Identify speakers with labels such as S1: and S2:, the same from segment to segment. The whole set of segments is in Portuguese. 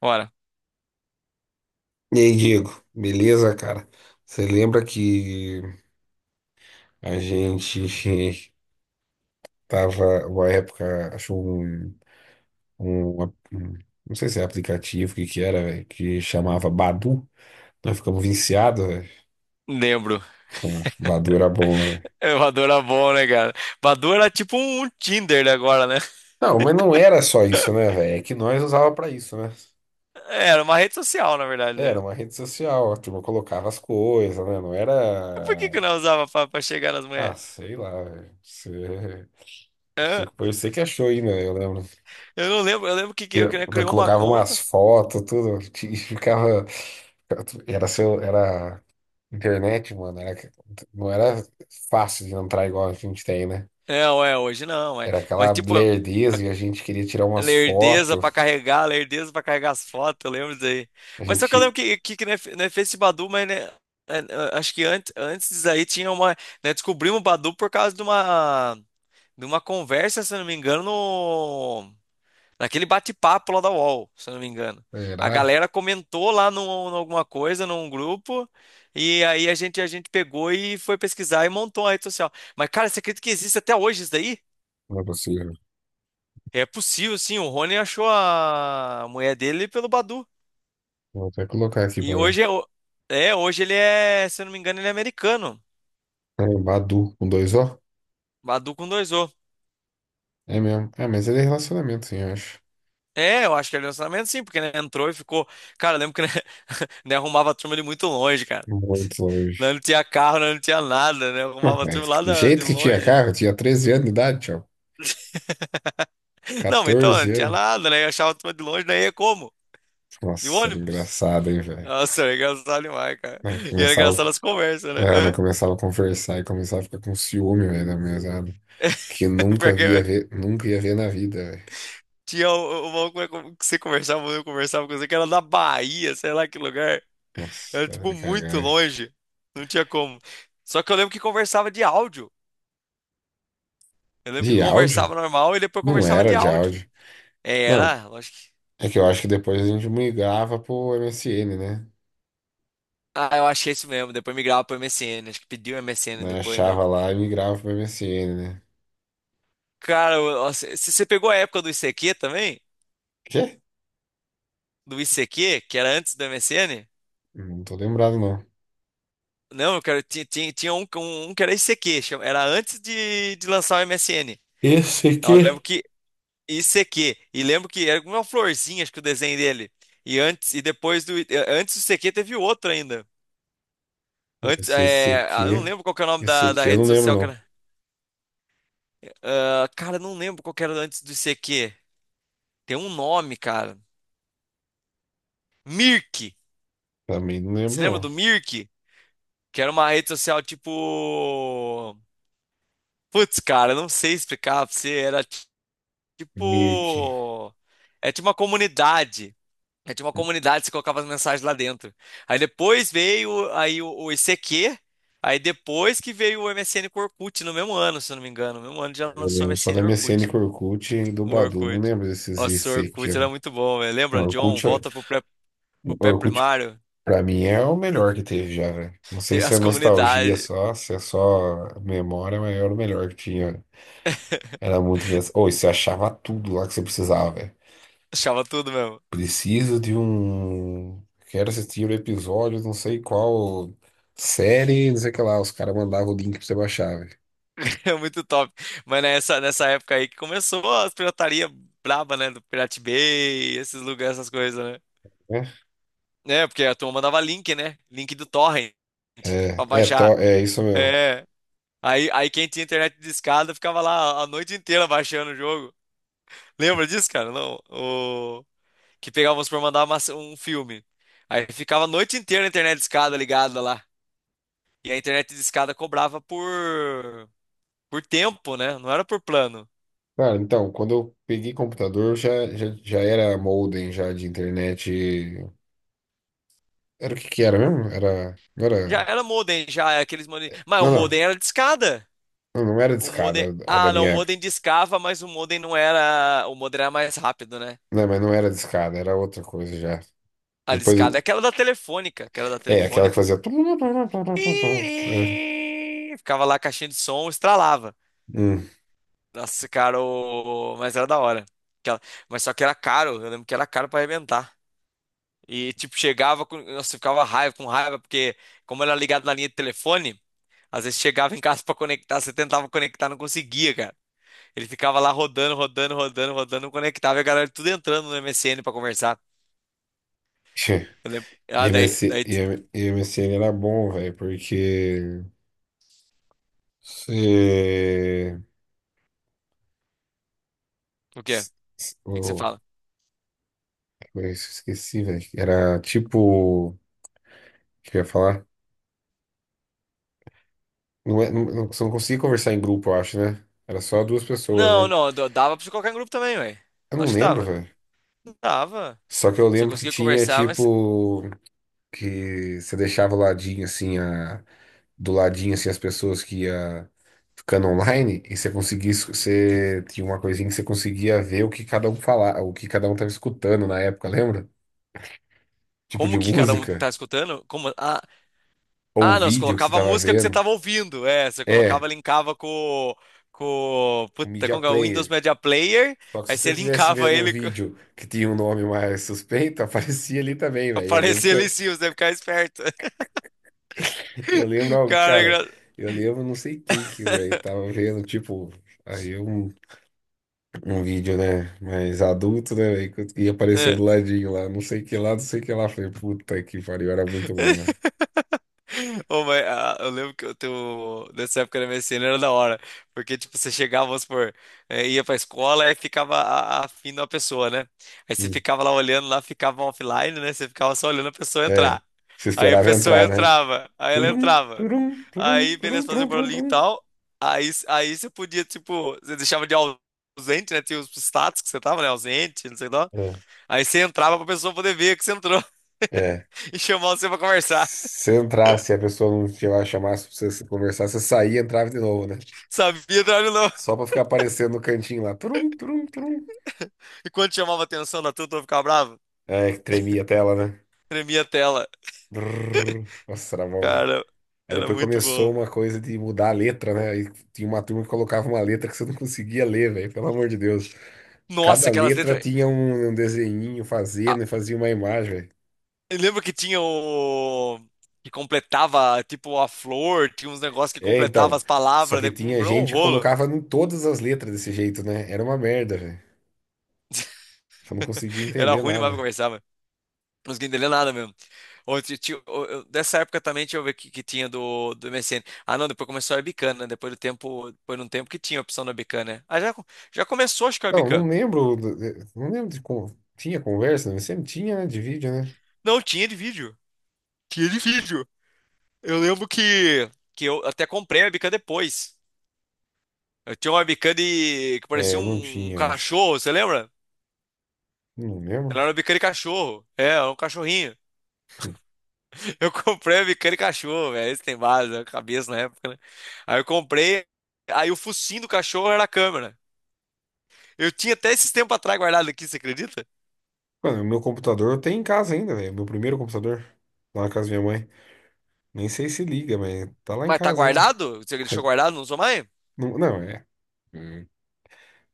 S1: Ora,
S2: E aí, Diego, beleza, cara? Você lembra que a gente tava uma época, achou um, um não sei se é aplicativo, o que que era, velho, que chamava Badu. Nós ficamos viciados, velho.
S1: lembro.
S2: Como Badu era bom, velho.
S1: É, Badoo era bom, né, cara? Badoo era tipo um Tinder agora, né?
S2: Não, mas não era só isso, né, velho? É que nós usava pra isso, né?
S1: É, era uma rede social, na verdade,
S2: Era
S1: né?
S2: uma rede social, a turma colocava as coisas, né? Não
S1: Mas Por que
S2: era,
S1: que eu não usava pra chegar nas
S2: ah,
S1: mulheres?
S2: sei lá, velho.
S1: Hã?
S2: Você foi você que achou ainda, eu lembro.
S1: Eu não lembro, eu lembro que eu
S2: Daí
S1: criou uma
S2: Colocava umas
S1: conta.
S2: fotos, tudo, e ficava. Era seu, era internet, mano. Era, não era fácil de entrar igual a gente tem, né?
S1: É, ué, hoje não, é.
S2: Era aquela
S1: Mas tipo,
S2: lerdeza e a gente queria tirar umas fotos.
S1: lerdeza pra carregar as fotos, eu lembro disso aí.
S2: A
S1: Mas só que eu
S2: gente.
S1: lembro que né, né, fez esse Badu, mas né, é, é, acho que antes, antes disso aí tinha uma. Né, descobrimos o Badu por causa de uma conversa, se eu não me engano, no naquele bate-papo lá da UOL, se eu não me engano. A
S2: Era.
S1: galera comentou lá num, num alguma coisa, num grupo, e aí a gente pegou e foi pesquisar e montou a rede social. Mas, cara, você acredita que existe até hoje isso daí?
S2: Não é possível.
S1: É possível, sim. O Rony achou a mulher dele pelo Badu.
S2: Vou até colocar aqui pra
S1: E hoje
S2: ver.
S1: é, é, hoje ele é, se eu não me engano, ele é americano.
S2: É, Badu, com dois O?
S1: Badu com dois O.
S2: É mesmo. É, mas ele é relacionamento, sim, eu acho.
S1: É, eu acho que é relacionamento sim, porque né, entrou e ficou. Cara, eu lembro que né, né, arrumava a turma de muito longe, cara.
S2: Muito
S1: Não,
S2: longe.
S1: não tinha carro, não, não tinha nada, né?
S2: Não,
S1: Arrumava a turma
S2: mas
S1: lá
S2: do
S1: de
S2: jeito que tinha
S1: longe.
S2: carro, eu tinha 13 anos de idade, tchau.
S1: Não, então não
S2: 14
S1: tinha
S2: anos.
S1: nada, né? Eu achava a turma de longe, daí ia como? De
S2: Nossa, era
S1: ônibus?
S2: engraçado, hein, velho.
S1: Nossa, era engraçado demais, cara.
S2: né, que
S1: E era
S2: começava,
S1: engraçado as conversas, né?
S2: né,
S1: Hã?
S2: começava a conversar e começava a ficar com ciúme, velho, da mesada. Que nunca via
S1: Porque
S2: ver, nunca ia ver na vida, velho.
S1: tinha o maluco que você conversava, eu conversava com você, que era da Bahia, sei lá que lugar. Era,
S2: Nossa, era
S1: tipo,
S2: de cagar.
S1: muito
S2: Velho.
S1: longe. Não tinha como. Só que eu lembro que conversava de áudio. Eu lembro que
S2: De áudio?
S1: conversava normal e depois
S2: Não
S1: conversava de
S2: era de
S1: áudio.
S2: áudio.
S1: É,
S2: Não,
S1: era, eu acho que.
S2: é que eu acho que depois a gente migrava pro MSN, né?
S1: Ah, eu achei isso mesmo. Depois migrava pro MSN. Acho que pediu MSN
S2: Né,
S1: depois, né?
S2: Achava lá e migrava pro MSN, né?
S1: Nossa, se você pegou a época do ICQ também?
S2: Quê?
S1: Do ICQ, que era antes do MSN?
S2: Não tô lembrado, não.
S1: Não, eu quero. Tinha um que era ICQ, era antes de lançar o MSN.
S2: Esse
S1: Eu lembro
S2: aqui.
S1: que ICQ. E lembro que era uma florzinha, acho que o desenho dele. E antes e depois do antes do ICQ teve outro ainda. Antes,
S2: Esse, esse
S1: é, ah,
S2: aqui,
S1: eu não lembro qual que é o nome
S2: esse
S1: da
S2: aqui eu não
S1: rede
S2: lembro,
S1: social,
S2: não.
S1: cara. Ah, cara, não lembro qual que era antes do ICQ. Tem um nome, cara. Mirk.
S2: Também não
S1: Você
S2: lembro,
S1: lembra
S2: não.
S1: do Mirk? Que era uma rede social tipo. Putz, cara, eu não sei explicar pra você. Era
S2: Mirk.
S1: tipo. É tipo uma comunidade. É, tinha uma comunidade, você colocava as mensagens lá dentro. Aí depois veio aí o ICQ, aí depois que veio o MSN com o Orkut, no mesmo ano, se eu não me engano. No mesmo ano já
S2: Eu
S1: lançou o
S2: lembro só da
S1: MSN e o
S2: MSN
S1: Orkut.
S2: com o Orkut e do
S1: O
S2: Badu. Não
S1: Orkut.
S2: lembro desses
S1: Nossa, o
S2: IC que
S1: Orkut
S2: eram.
S1: era muito bom, velho. Lembra, John?
S2: Orkut,
S1: Pro
S2: Orkut,
S1: pré-primário.
S2: pra mim, é o melhor que teve já, velho. Não sei
S1: Tem
S2: se
S1: as
S2: é nostalgia
S1: comunidades.
S2: só, se é só memória, mas era o melhor que tinha. Era muito engraçado. Ou você achava tudo lá que você precisava, velho.
S1: Achava tudo mesmo.
S2: Preciso de um. Quero assistir o episódio, não sei qual série, não sei o que lá. Os caras mandavam o link pra você baixar, velho.
S1: É muito top. Mas nessa época aí que começou as pirataria braba, né? Do Pirate Bay, esses lugares, essas coisas, né?
S2: É,
S1: Né? Porque a turma mandava link, né? Link do torrent pra baixar.
S2: é isso mesmo.
S1: É. Aí quem tinha internet de discada ficava lá a noite inteira baixando o jogo. Lembra disso, cara? Não. O... Que pegávamos por mandar um filme. Aí ficava a noite inteira a internet de discada ligada lá. E a internet de discada cobrava por tempo, né? Não era por plano.
S2: Cara, então, quando eu peguei computador, já era modem já de internet. Era o que que era mesmo?
S1: Já era modem, já era aqueles modem. Mas o
S2: Não, não,
S1: modem era de escada.
S2: não era
S1: O modem.
S2: discada a da
S1: Ah, não, o
S2: minha época.
S1: modem discava, mas o modem não era. O modem era mais rápido, né?
S2: Não, mas não era discada, era outra coisa já.
S1: A
S2: Depois,
S1: discada é aquela da telefônica, aquela da
S2: é, aquela que
S1: telefônica.
S2: fazia... É.
S1: Ih, ficava lá a caixinha de som, estralava.
S2: Hum.
S1: Nossa, cara, mas era da hora. Aquela... Mas só que era caro, eu lembro que era caro pra arrebentar. E tipo, chegava com. Nossa, eu ficava raiva, com raiva, porque como era ligado na linha de telefone, às vezes chegava em casa pra conectar, você tentava conectar, não conseguia, cara. Ele ficava lá rodando, não conectava e a galera tudo entrando no MSN pra conversar. Eu lembro. Ah,
S2: IMS,
S1: daí.
S2: IM- IMSN era bom, velho, porque... Se...
S1: O quê? O
S2: se-
S1: que que você
S2: Oh,
S1: fala?
S2: eu esqueci, velho. Era tipo... O que eu ia falar? Não, não você não conseguia conversar em grupo, eu acho, né? Era só duas pessoas,
S1: Não,
S2: né?
S1: não, dava pra você colocar em grupo também, ué.
S2: Eu não
S1: Lógico que
S2: lembro,
S1: dava.
S2: velho.
S1: Dava.
S2: Só que eu
S1: Você
S2: lembro que
S1: conseguia
S2: tinha,
S1: conversar, mas
S2: tipo, que você deixava o ladinho, assim, do ladinho, assim, as pessoas que ia ficando online e você conseguia, você tinha uma coisinha que você conseguia ver o que cada um falava, o que cada um tava escutando na época, lembra? Tipo de
S1: como que cada um
S2: música
S1: tá escutando? Como... Ah,
S2: ou
S1: ah, não, você
S2: vídeo que você
S1: colocava a
S2: tava
S1: música que você
S2: vendo.
S1: tava ouvindo. É, você colocava,
S2: É,
S1: linkava com. Com.
S2: com
S1: Puta,
S2: media
S1: como que é? O Windows
S2: player.
S1: Media Player.
S2: Só que
S1: Aí
S2: se você
S1: você
S2: estivesse
S1: linkava
S2: vendo um
S1: ele.
S2: vídeo que tinha um nome mais suspeito, aparecia ali também, velho.
S1: Aparecia ali em cima, você ia ficar esperto.
S2: Eu lembro, algo,
S1: Cara, é
S2: cara,
S1: engra...
S2: eu lembro não sei quem que, velho, tava vendo, tipo, aí um, um vídeo, né, mais adulto, né, velho, e apareceu do ladinho lá, não sei que lá, não sei que lá. Falei, puta que pariu, era muito bom, velho.
S1: Ô, mas, ah, eu lembro que eu tenho, nessa época da MSN era da hora, porque tipo, você chegava, vamos supor, ia pra escola e ficava afim da pessoa, né? Aí você
S2: Hum.
S1: ficava lá olhando, lá ficava offline, né? Você ficava só olhando a pessoa
S2: É,
S1: entrar.
S2: se
S1: Aí a
S2: esperava
S1: pessoa
S2: entrar, né?
S1: entrava, aí ela
S2: Turum,
S1: entrava.
S2: turum,
S1: Aí,
S2: turum, turum,
S1: beleza, fazia
S2: turum,
S1: um
S2: turum,
S1: barulhinho e
S2: turum.
S1: tal. Aí você podia, tipo, você deixava de ausente, né? Tinha os status que você tava, né? Ausente, não sei lá.
S2: É.
S1: Aí você entrava pra pessoa poder ver que você entrou
S2: É.
S1: e chamar você pra conversar.
S2: Se entrasse, a pessoa não te chamasse pra você conversar, você saía e entrava de novo, né?
S1: Sabia, Drago, não.
S2: Só pra ficar aparecendo no cantinho lá. Trum, trum, trum.
S1: E quando chamava atenção da turma, eu ficava bravo.
S2: É, que tremia a tela, né?
S1: Tremia a tela.
S2: Brrr. Nossa, era bom, velho.
S1: Cara,
S2: Aí
S1: era
S2: depois
S1: muito
S2: começou
S1: bom.
S2: uma coisa de mudar a letra, né? Aí tinha uma turma que colocava uma letra que você não conseguia ler, velho. Pelo amor de Deus.
S1: Nossa,
S2: Cada
S1: aquelas
S2: letra
S1: letras.
S2: tinha um desenhinho fazendo
S1: Ah,
S2: e fazia uma imagem, velho.
S1: eu lembro que tinha o. Que completava, tipo, a flor, tinha uns negócios que
S2: É,
S1: completava
S2: então.
S1: as
S2: Só
S1: palavras,
S2: que
S1: né?
S2: tinha
S1: Um
S2: gente que
S1: rolo.
S2: colocava em todas as letras desse jeito, né? Era uma merda, velho. Eu não conseguia
S1: Era
S2: entender
S1: ruim demais pra
S2: nada.
S1: conversar, mano. Não conseguia entender nada mesmo. Ou dessa época também, deixa eu ver que tinha do MSN. Ah, não, depois começou a Webcam, né? Depois do tempo, depois de um tempo que tinha a opção da Webcam, né? Ah, já, já começou, acho que a
S2: Não,
S1: Webcam.
S2: não lembro. do- Não lembro de como. Tinha conversa, né? Sempre tinha, né? De vídeo, né?
S1: Não, tinha de vídeo. Tinha de vídeo. Eu lembro que eu até comprei a webcam depois. Eu tinha uma webcam de, que
S2: É,
S1: parecia
S2: eu não
S1: um
S2: tinha, acho.
S1: cachorro, você lembra?
S2: Não
S1: Ela
S2: lembro.
S1: era uma webcam de cachorro. É, era um cachorrinho. Eu comprei a webcam de cachorro, velho. Esse tem base, a cabeça na época, né? Aí eu comprei, aí o focinho do cachorro era a câmera. Eu tinha até esses tempos atrás guardado aqui, você acredita?
S2: Mano, o meu computador eu tenho em casa ainda, velho. Meu primeiro computador. Lá na casa da minha mãe. Nem sei se liga, mas tá lá em
S1: Mas tá
S2: casa ainda.
S1: guardado? Você deixou
S2: Tá-
S1: guardado, não usou mais?
S2: Não, não, é. Hum,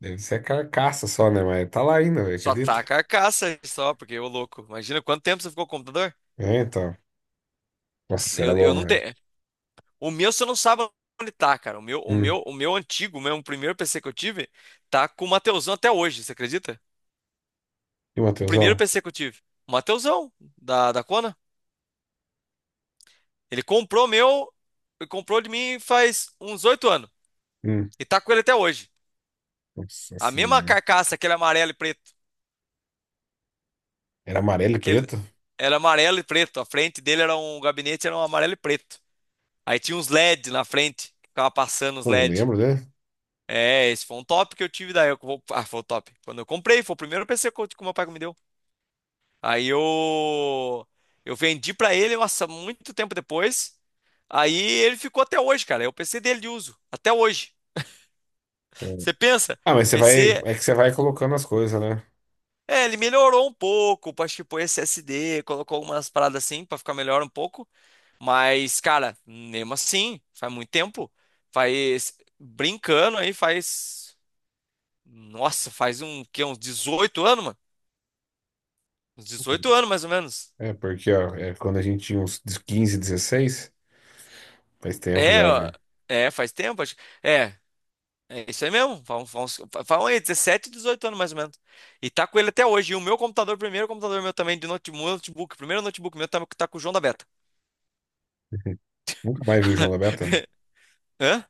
S2: Deve ser a carcaça só, né? Mas tá lá ainda, velho.
S1: Só
S2: Acredita?
S1: tá a carcaça só, porque ô louco. Imagina quanto tempo você ficou com o computador?
S2: É, então. Nossa, era
S1: Eu
S2: bom,
S1: não
S2: velho.
S1: tenho. O meu, você não sabe onde tá, cara. O meu, o meu,
S2: Hum.
S1: o meu antigo, o meu primeiro PC que eu tive, tá com o Mateusão até hoje, você acredita?
S2: E o
S1: O primeiro
S2: Matheusão?
S1: PC que eu tive. O Mateusão, da Kona. Ele comprou meu, Ele comprou de mim faz uns 8 anos.
S2: Hum.
S1: E tá com ele até hoje.
S2: Nossa
S1: A mesma
S2: senhora.
S1: carcaça, aquele amarelo e preto.
S2: Era amarelo e
S1: Aquele
S2: preto?
S1: era amarelo e preto. A frente dele era um gabinete, era um amarelo e preto. Aí tinha uns LED na frente, que ficava passando os
S2: Eu não
S1: LED.
S2: lembro, né?
S1: É, esse foi um top que eu tive daí. Ah, foi o top. Quando eu comprei, foi o primeiro PC que o meu pai me deu. Aí Eu vendi pra ele, nossa, muito tempo depois. Aí ele ficou até hoje, cara. É o PC dele de uso, até hoje.
S2: Hum.
S1: Você pensa,
S2: Ah, mas você vai.
S1: PC,
S2: É que você vai colocando as coisas, né?
S1: é, ele melhorou um pouco, acho que pôs SSD, colocou algumas paradas assim pra ficar melhor um pouco, mas cara, mesmo assim, faz muito tempo, faz brincando aí faz nossa, faz um que uns 18 anos, mano. Uns 18 anos mais ou menos.
S2: É, porque, ó, é quando a gente tinha uns 15, 16. Faz tempo
S1: É,
S2: já,
S1: ó,
S2: velho.
S1: é, faz tempo, acho. É, é isso aí mesmo. Falam aí, 17, 18 anos mais ou menos. E tá com ele até hoje. E o meu computador, primeiro computador meu também, de notebook, primeiro notebook meu tá com o João da Beta.
S2: Nunca mais vi o João da Beta.
S1: Hã?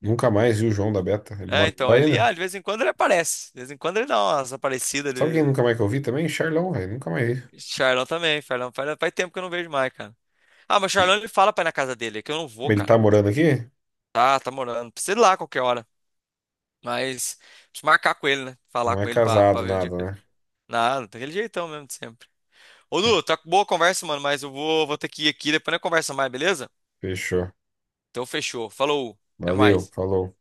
S2: Nunca mais vi o João da Beta. Ele
S1: É,
S2: mora
S1: então,
S2: lá
S1: ele,
S2: ainda.
S1: ah, de vez em quando ele aparece. De vez em quando ele dá umas aparecidas.
S2: Sabe quem
S1: Ele...
S2: nunca mais que eu vi também? Charlão, velho. Nunca mais vi.
S1: Charlão também, Charlão. Faz tempo que eu não vejo mais, cara. Ah, mas Charlão ele fala pra ir na casa dele, é que eu não vou,
S2: Ele
S1: cara.
S2: tá morando aqui?
S1: Tá morando. Precisa ir lá a qualquer hora. Mas, preciso marcar com ele, né? Falar
S2: Não é
S1: com ele pra, pra
S2: casado,
S1: ver um dia que ele.
S2: nada, né?
S1: Nada, daquele jeitão mesmo de sempre. Ô, Lu, tá boa a conversa, mano, mas eu vou, vou ter que ir aqui, depois a gente conversa mais, beleza?
S2: Fechou.
S1: Então fechou. Falou. Até
S2: Valeu,
S1: mais.
S2: falou.